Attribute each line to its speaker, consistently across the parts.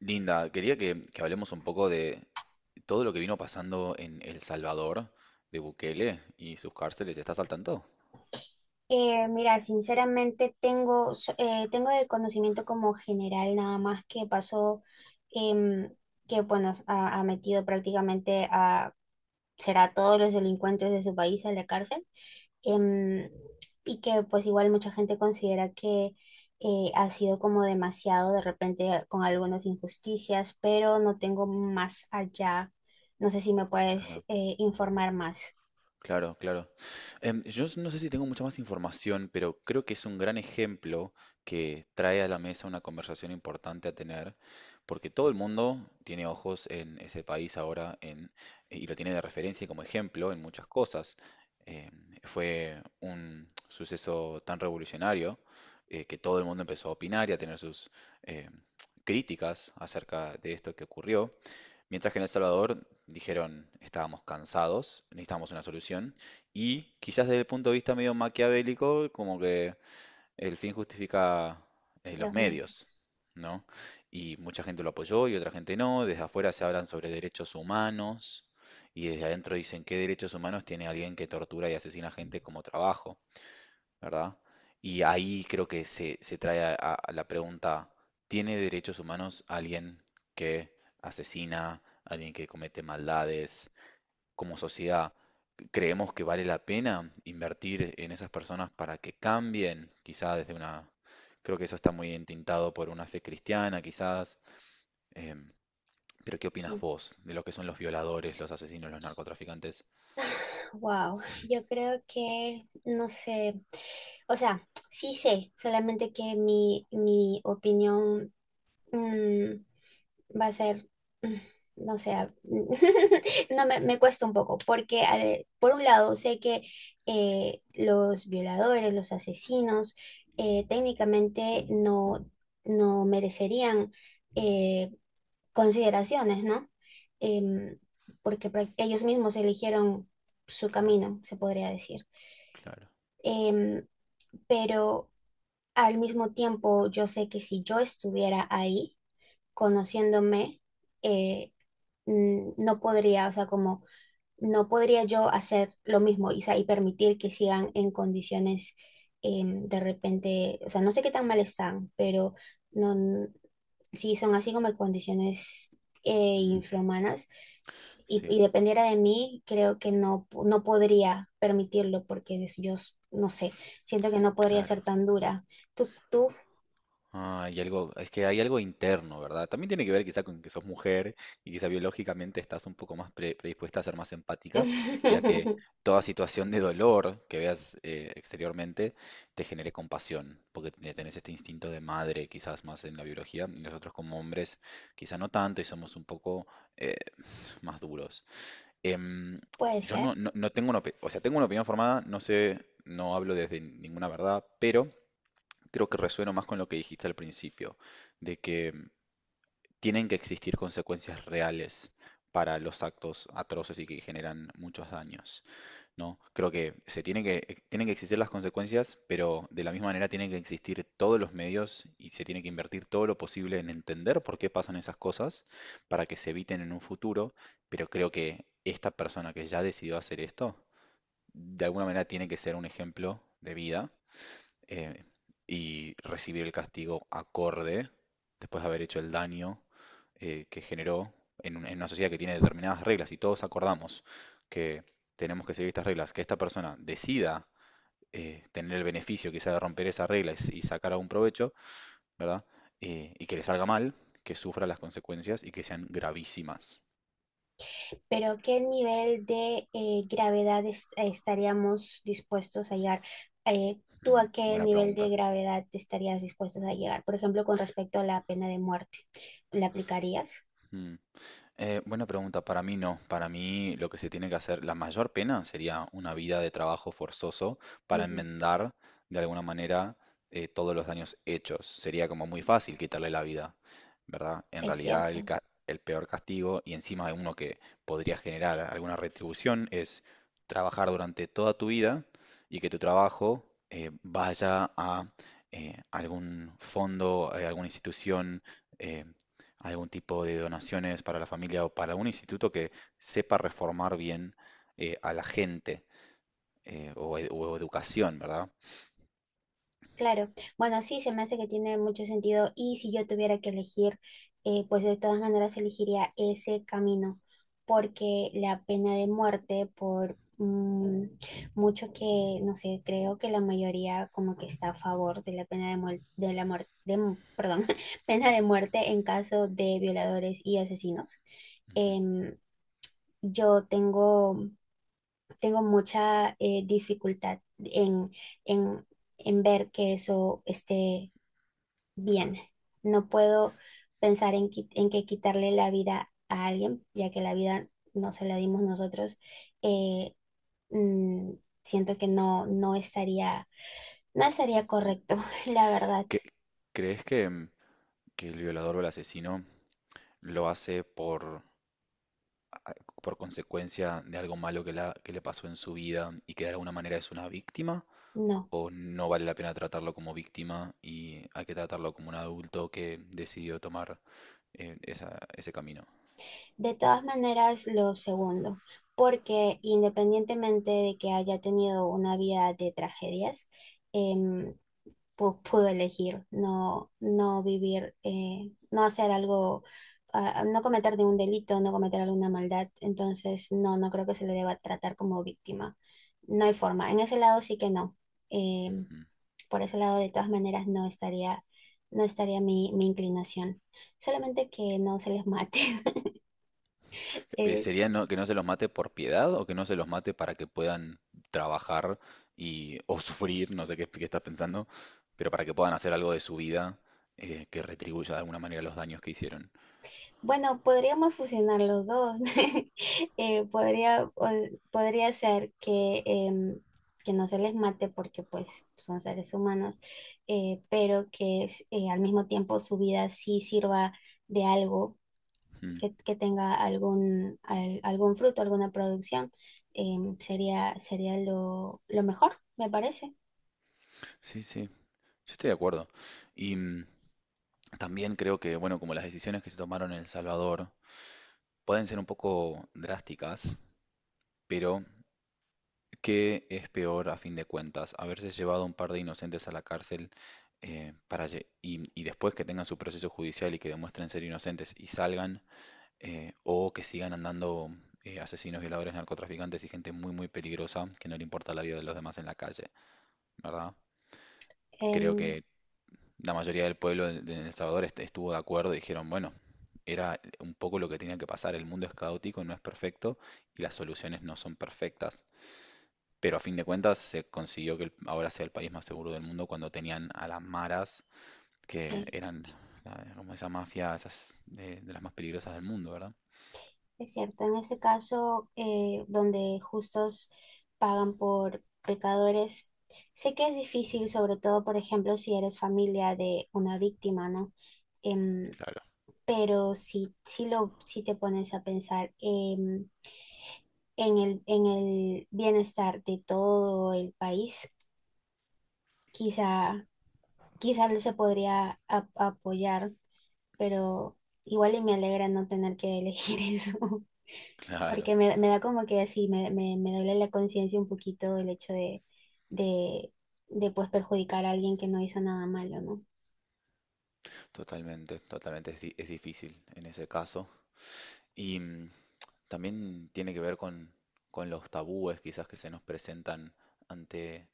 Speaker 1: Linda, quería que hablemos un poco de todo lo que vino pasando en El Salvador, de Bukele y sus cárceles. ¿Estás al tanto?
Speaker 2: Mira, sinceramente tengo el conocimiento como general nada más que pasó, em, que bueno, ha, ha metido prácticamente a, será a todos los delincuentes de su país a la cárcel, em, y que pues igual mucha gente considera que ha sido como demasiado de repente con algunas injusticias, pero no tengo más allá, no sé si me puedes
Speaker 1: Claro.
Speaker 2: informar más.
Speaker 1: Claro, claro. Yo no sé si tengo mucha más información, pero creo que es un gran ejemplo que trae a la mesa una conversación importante a tener, porque todo el mundo tiene ojos en ese país ahora. Y lo tiene de referencia y como ejemplo en muchas cosas. Em, Fue un suceso tan revolucionario que todo el mundo empezó a opinar y a tener sus em, críticas acerca de esto que ocurrió. Mientras que en El Salvador dijeron, estábamos cansados, necesitábamos una solución, y quizás desde el punto de vista medio maquiavélico, como que el fin justifica los
Speaker 2: Los medios.
Speaker 1: medios, ¿no? Y mucha gente lo apoyó y otra gente no, desde afuera se hablan sobre derechos humanos, y desde adentro dicen qué derechos humanos tiene alguien que tortura y asesina gente como trabajo. ¿Verdad? Y ahí creo que se trae a la pregunta, ¿tiene derechos humanos alguien que asesina, alguien que comete maldades? Como sociedad, ¿creemos que vale la pena invertir en esas personas para que cambien? Quizás desde una... Creo que eso está muy entintado por una fe cristiana, quizás. em, pero ¿qué opinas
Speaker 2: Sí.
Speaker 1: vos de lo que son los violadores, los asesinos, los narcotraficantes?
Speaker 2: Wow, yo creo que no sé, o sea, sí sé, solamente que mi opinión mm, va a ser, mm, no sé, no me, me cuesta un poco, porque por un lado sé que los violadores, los asesinos, técnicamente no, no merecerían eh, consideraciones, ¿no? Em, porque ellos mismos eligieron su
Speaker 1: Claro,
Speaker 2: camino, se podría decir.
Speaker 1: claro.
Speaker 2: Em, pero al mismo tiempo, yo sé que si yo estuviera ahí, conociéndome, eh, no podría, o sea, como no podría yo hacer lo mismo y, o sea, y permitir que sigan en condiciones de repente, o sea, no sé qué tan mal están, pero no sí, son así como condiciones eh,
Speaker 1: Mm,
Speaker 2: infrahumanas.
Speaker 1: sí,
Speaker 2: Y dependiera de mí, creo que no, no podría permitirlo porque yo, no sé, siento que no podría
Speaker 1: claro.
Speaker 2: ser tan dura. Tú, tú,
Speaker 1: Ah, hay algo, es que hay algo interno, ¿verdad? También tiene que ver quizá con que sos mujer y quizá biológicamente estás un poco más predispuesta a ser más empática y a que toda situación de dolor que veas exteriormente te genere compasión, porque tenés este instinto de madre quizás más en la biología y nosotros como hombres quizá no tanto y somos un poco eh, más duros. Em,
Speaker 2: puede
Speaker 1: yo
Speaker 2: ser,
Speaker 1: no, no, no tengo una o sea, tengo una opinión formada, no sé, no hablo desde ninguna verdad, pero creo que resueno más con lo que dijiste al principio, de que tienen que existir consecuencias reales para los actos atroces y que generan muchos daños, ¿no? Creo que se tiene que, tienen que existir las consecuencias, pero de la misma manera tienen que existir todos los medios y se tiene que invertir todo lo posible en entender por qué pasan esas cosas para que se eviten en un futuro, pero creo que esta persona que ya decidió hacer esto, de alguna manera tiene que ser un ejemplo de vida eh, y recibir el castigo acorde después de haber hecho el daño que generó en, en una sociedad que tiene determinadas reglas y todos acordamos que tenemos que seguir estas reglas, que esta persona decida tener el beneficio quizá de romper esas reglas y sacar algún provecho, ¿verdad? Y que le salga mal, que sufra las consecuencias y que sean gravísimas.
Speaker 2: pero ¿qué nivel de gravedad estaríamos dispuestos a llegar? ¿Tú
Speaker 1: Mm,
Speaker 2: a qué
Speaker 1: buena
Speaker 2: nivel de
Speaker 1: pregunta.
Speaker 2: gravedad estarías dispuestos a llegar? Por ejemplo, con respecto a la pena de muerte, ¿la aplicarías?
Speaker 1: Mm. Buena pregunta, para mí no. Para mí lo que se tiene que hacer, la mayor pena sería una vida de trabajo forzoso para
Speaker 2: Ujú.
Speaker 1: enmendar de alguna manera todos los daños hechos. Sería como muy fácil quitarle la vida, ¿verdad? En
Speaker 2: Es
Speaker 1: realidad el,
Speaker 2: cierto.
Speaker 1: el peor castigo y encima de uno que podría generar alguna retribución es trabajar durante toda tu vida y que tu trabajo vaya a algún fondo, alguna institución. eh, Algún tipo de donaciones para la familia o para un instituto que sepa reformar bien a la gente o, o educación, ¿verdad?
Speaker 2: Claro, bueno, sí, se me hace que tiene mucho sentido y si yo tuviera que elegir, pues de todas maneras elegiría ese camino, porque la pena de muerte, por mucho que, no sé, creo que la mayoría como que está a favor de la pena de, de la muerte, perdón, pena de muerte en caso de violadores y asesinos.
Speaker 1: Ujú,
Speaker 2: Em, yo tengo, tengo mucha dificultad en en ver que eso esté
Speaker 1: claro.
Speaker 2: bien. No puedo pensar en, en que quitarle la vida a alguien, ya que la vida no se la dimos nosotros. Eh, mm, siento que no, no estaría, no estaría
Speaker 1: Ujú.
Speaker 2: correcto, la verdad,
Speaker 1: ¿Qué- crees que, que el violador o el asesino lo hace por consecuencia de algo malo que, que le pasó en su vida y que de alguna manera es una víctima?
Speaker 2: no.
Speaker 1: ¿O no vale la pena tratarlo como víctima y hay que tratarlo como un adulto que decidió tomar ese camino?
Speaker 2: De todas maneras, lo segundo, porque independientemente de que haya tenido una vida de tragedias, em, pudo elegir no, no vivir, no hacer algo, no cometer ningún delito, no cometer alguna maldad. Entonces, no, no creo que se le deba tratar como víctima. No hay forma. En ese lado sí que no. Eh, por ese lado, de todas maneras, no estaría, no estaría mi inclinación. Solamente que no se les mate. Eh,
Speaker 1: ¿Sería que no se los mate por piedad o que no se los mate para que puedan trabajar y, o sufrir, no sé qué, qué estás pensando, pero para que puedan hacer algo de su vida que retribuya de alguna manera los daños que hicieron?
Speaker 2: bueno, podríamos fusionar los dos. Podría ser que, que no se les mate porque pues son seres humanos, pero que al mismo tiempo su vida sí sirva de algo,
Speaker 1: Mm,
Speaker 2: que tenga algún, algún fruto, alguna producción. Sería lo mejor, me parece.
Speaker 1: sí, sí, yo estoy de acuerdo. Y también creo que, bueno, como las decisiones que se tomaron en El Salvador pueden ser un poco drásticas, pero ¿qué es peor a fin de cuentas? ¿Haberse llevado un par de inocentes a la cárcel y después que tengan su proceso judicial y que demuestren ser inocentes y salgan, o que sigan andando asesinos, violadores, narcotraficantes y gente muy, muy peligrosa que no le importa la vida de los demás en la calle, ¿verdad? Creo
Speaker 2: Em,
Speaker 1: que la mayoría del pueblo de El Salvador estuvo de acuerdo y dijeron, bueno, era un poco lo que tenía que pasar, el mundo es caótico, no es perfecto y las soluciones no son perfectas. Pero a fin de cuentas se consiguió que ahora sea el país más seguro del mundo cuando tenían a las maras, que
Speaker 2: sí.
Speaker 1: eran como esa mafia, esas de las más peligrosas del mundo, ¿verdad?
Speaker 2: Es cierto, en ese caso, donde justos pagan por pecadores, sé que es difícil, sobre todo, por ejemplo, si eres familia de una víctima, ¿no? Em,
Speaker 1: Claro.
Speaker 2: pero si te pones a pensar en el bienestar de todo el país, quizá, quizá se podría apoyar, pero igual y me alegra no tener que elegir eso.
Speaker 1: Claro,
Speaker 2: Porque me da como que así, me duele la conciencia un poquito el hecho de, de pues perjudicar a alguien que no hizo nada malo, ¿no?
Speaker 1: totalmente, totalmente. Es, es difícil en ese caso. Y también tiene que ver con los tabúes quizás que se nos presentan ante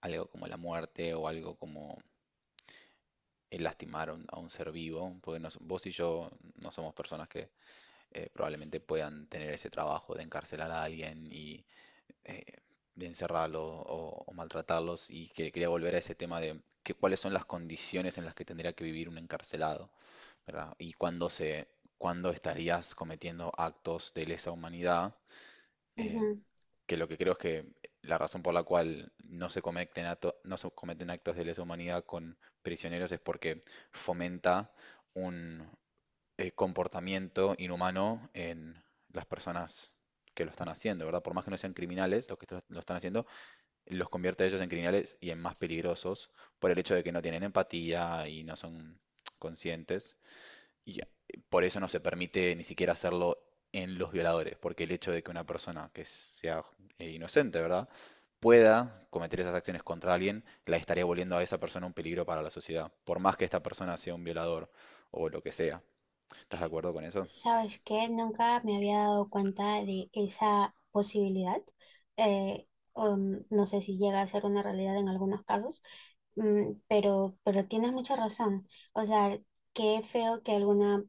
Speaker 1: algo como la muerte o algo como el lastimar a un ser vivo. Porque vos y yo no somos personas que probablemente puedan tener ese trabajo de encarcelar a alguien y eh, de encerrarlo o maltratarlos. Y quería volver a ese tema de que, cuáles son las condiciones en las que tendría que vivir un encarcelado, ¿verdad? Y cuándo se, cuándo estarías cometiendo actos de lesa humanidad, eh,
Speaker 2: Ujú.
Speaker 1: que lo que creo es que la razón por la cual no se cometen no se cometen actos de lesa humanidad con prisioneros es porque fomenta un, comportamiento inhumano en las personas que lo están haciendo, ¿verdad? Por más que no sean criminales, los que lo están haciendo, los convierte a ellos en criminales y en más peligrosos por el hecho de que no tienen empatía y no son conscientes. Y por eso no se permite ni siquiera hacerlo en los violadores, porque el hecho de que una persona que sea inocente, ¿verdad? Pueda cometer esas acciones contra alguien, la estaría volviendo a esa persona un peligro para la sociedad, por más que esta persona sea un violador o lo que sea. ¿Estás de acuerdo con eso?
Speaker 2: ¿Sabes qué? Nunca me había dado cuenta de esa posibilidad. Eh, no sé si llega a ser una realidad en algunos casos, pero tienes mucha razón. O sea, qué feo que alguna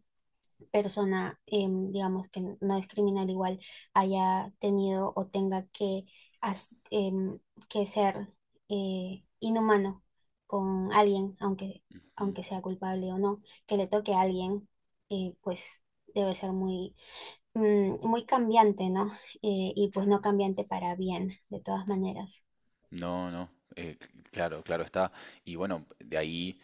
Speaker 2: persona, digamos, que no es criminal igual, haya tenido o tenga que, as- em, que ser inhumano con alguien, aunque,
Speaker 1: Ujú.
Speaker 2: aunque sea culpable o no, que le toque a alguien, pues debe ser muy, muy cambiante, ¿no? Y pues no cambiante para bien, de todas maneras.
Speaker 1: No, no, claro, claro está. Y bueno, de ahí,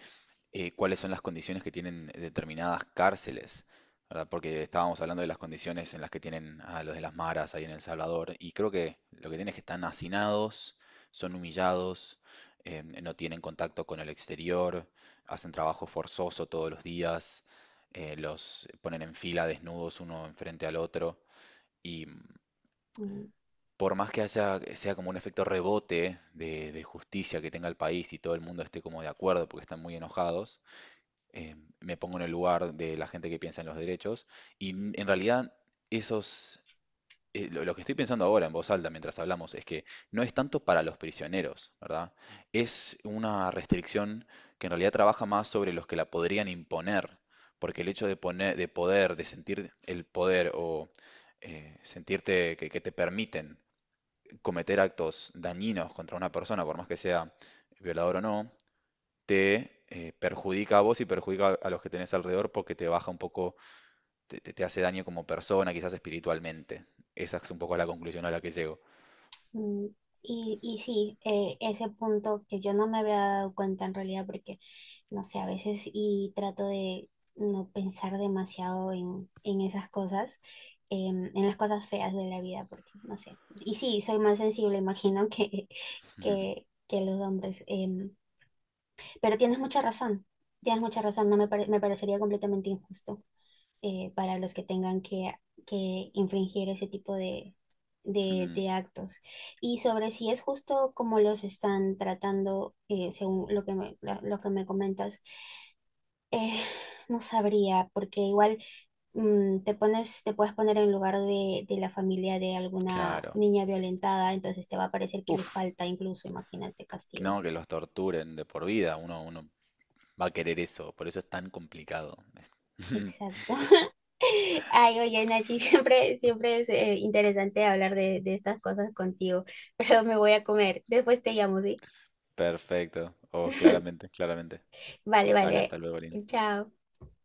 Speaker 1: ¿cuáles son las condiciones que tienen determinadas cárceles? ¿Verdad? Porque estábamos hablando de las condiciones en las que tienen a los de las maras ahí en El Salvador, y creo que lo que tienen es que están hacinados, son humillados, no tienen contacto con el exterior, hacen trabajo forzoso todos los días, los ponen en fila desnudos uno enfrente al otro.
Speaker 2: Mm.
Speaker 1: Por más que haya, sea como un efecto rebote de justicia que tenga el país y todo el mundo esté como de acuerdo porque están muy enojados, eh, me pongo en el lugar de la gente que piensa en los derechos y en realidad esos, lo que estoy pensando ahora en voz alta mientras hablamos es que no es tanto para los prisioneros, ¿verdad? Es una restricción que en realidad trabaja más sobre los que la podrían imponer, porque el hecho de poner, de poder, de sentir el poder o sentirte que te permiten cometer actos dañinos contra una persona, por más que sea violador o no, te perjudica a vos y perjudica a los que tenés alrededor porque te baja un poco, te, hace daño como persona, quizás espiritualmente. Esa es un poco la conclusión a la que llego.
Speaker 2: Mm, y sí, ese punto que yo no me había dado cuenta en realidad porque, no sé, a veces y trato de no pensar demasiado en esas cosas, en las cosas feas de la vida, porque, no sé, y sí, soy más sensible, imagino, que, que los hombres, pero tienes mucha razón, no me, pare- me parecería completamente injusto para los que tengan que infringir ese tipo de actos. Y sobre si es justo como los están tratando, según lo que lo que me comentas, eh, no sabría, porque igual te puedes poner en lugar de la familia de alguna
Speaker 1: Claro.
Speaker 2: niña violentada, entonces te va a parecer que le
Speaker 1: Uf,
Speaker 2: falta incluso, imagínate, castigo.
Speaker 1: no, que los torturen de por vida, uno, uno va a querer eso, por eso es tan complicado.
Speaker 2: Exacto. Ay, oye, Nachi, siempre, siempre es interesante hablar de estas cosas contigo, pero me voy a comer. Después te llamo, ¿sí?
Speaker 1: Perfecto. Oh, claramente, claramente.
Speaker 2: Vale,
Speaker 1: Dale,
Speaker 2: vale.
Speaker 1: hasta luego, Lin.
Speaker 2: Chao.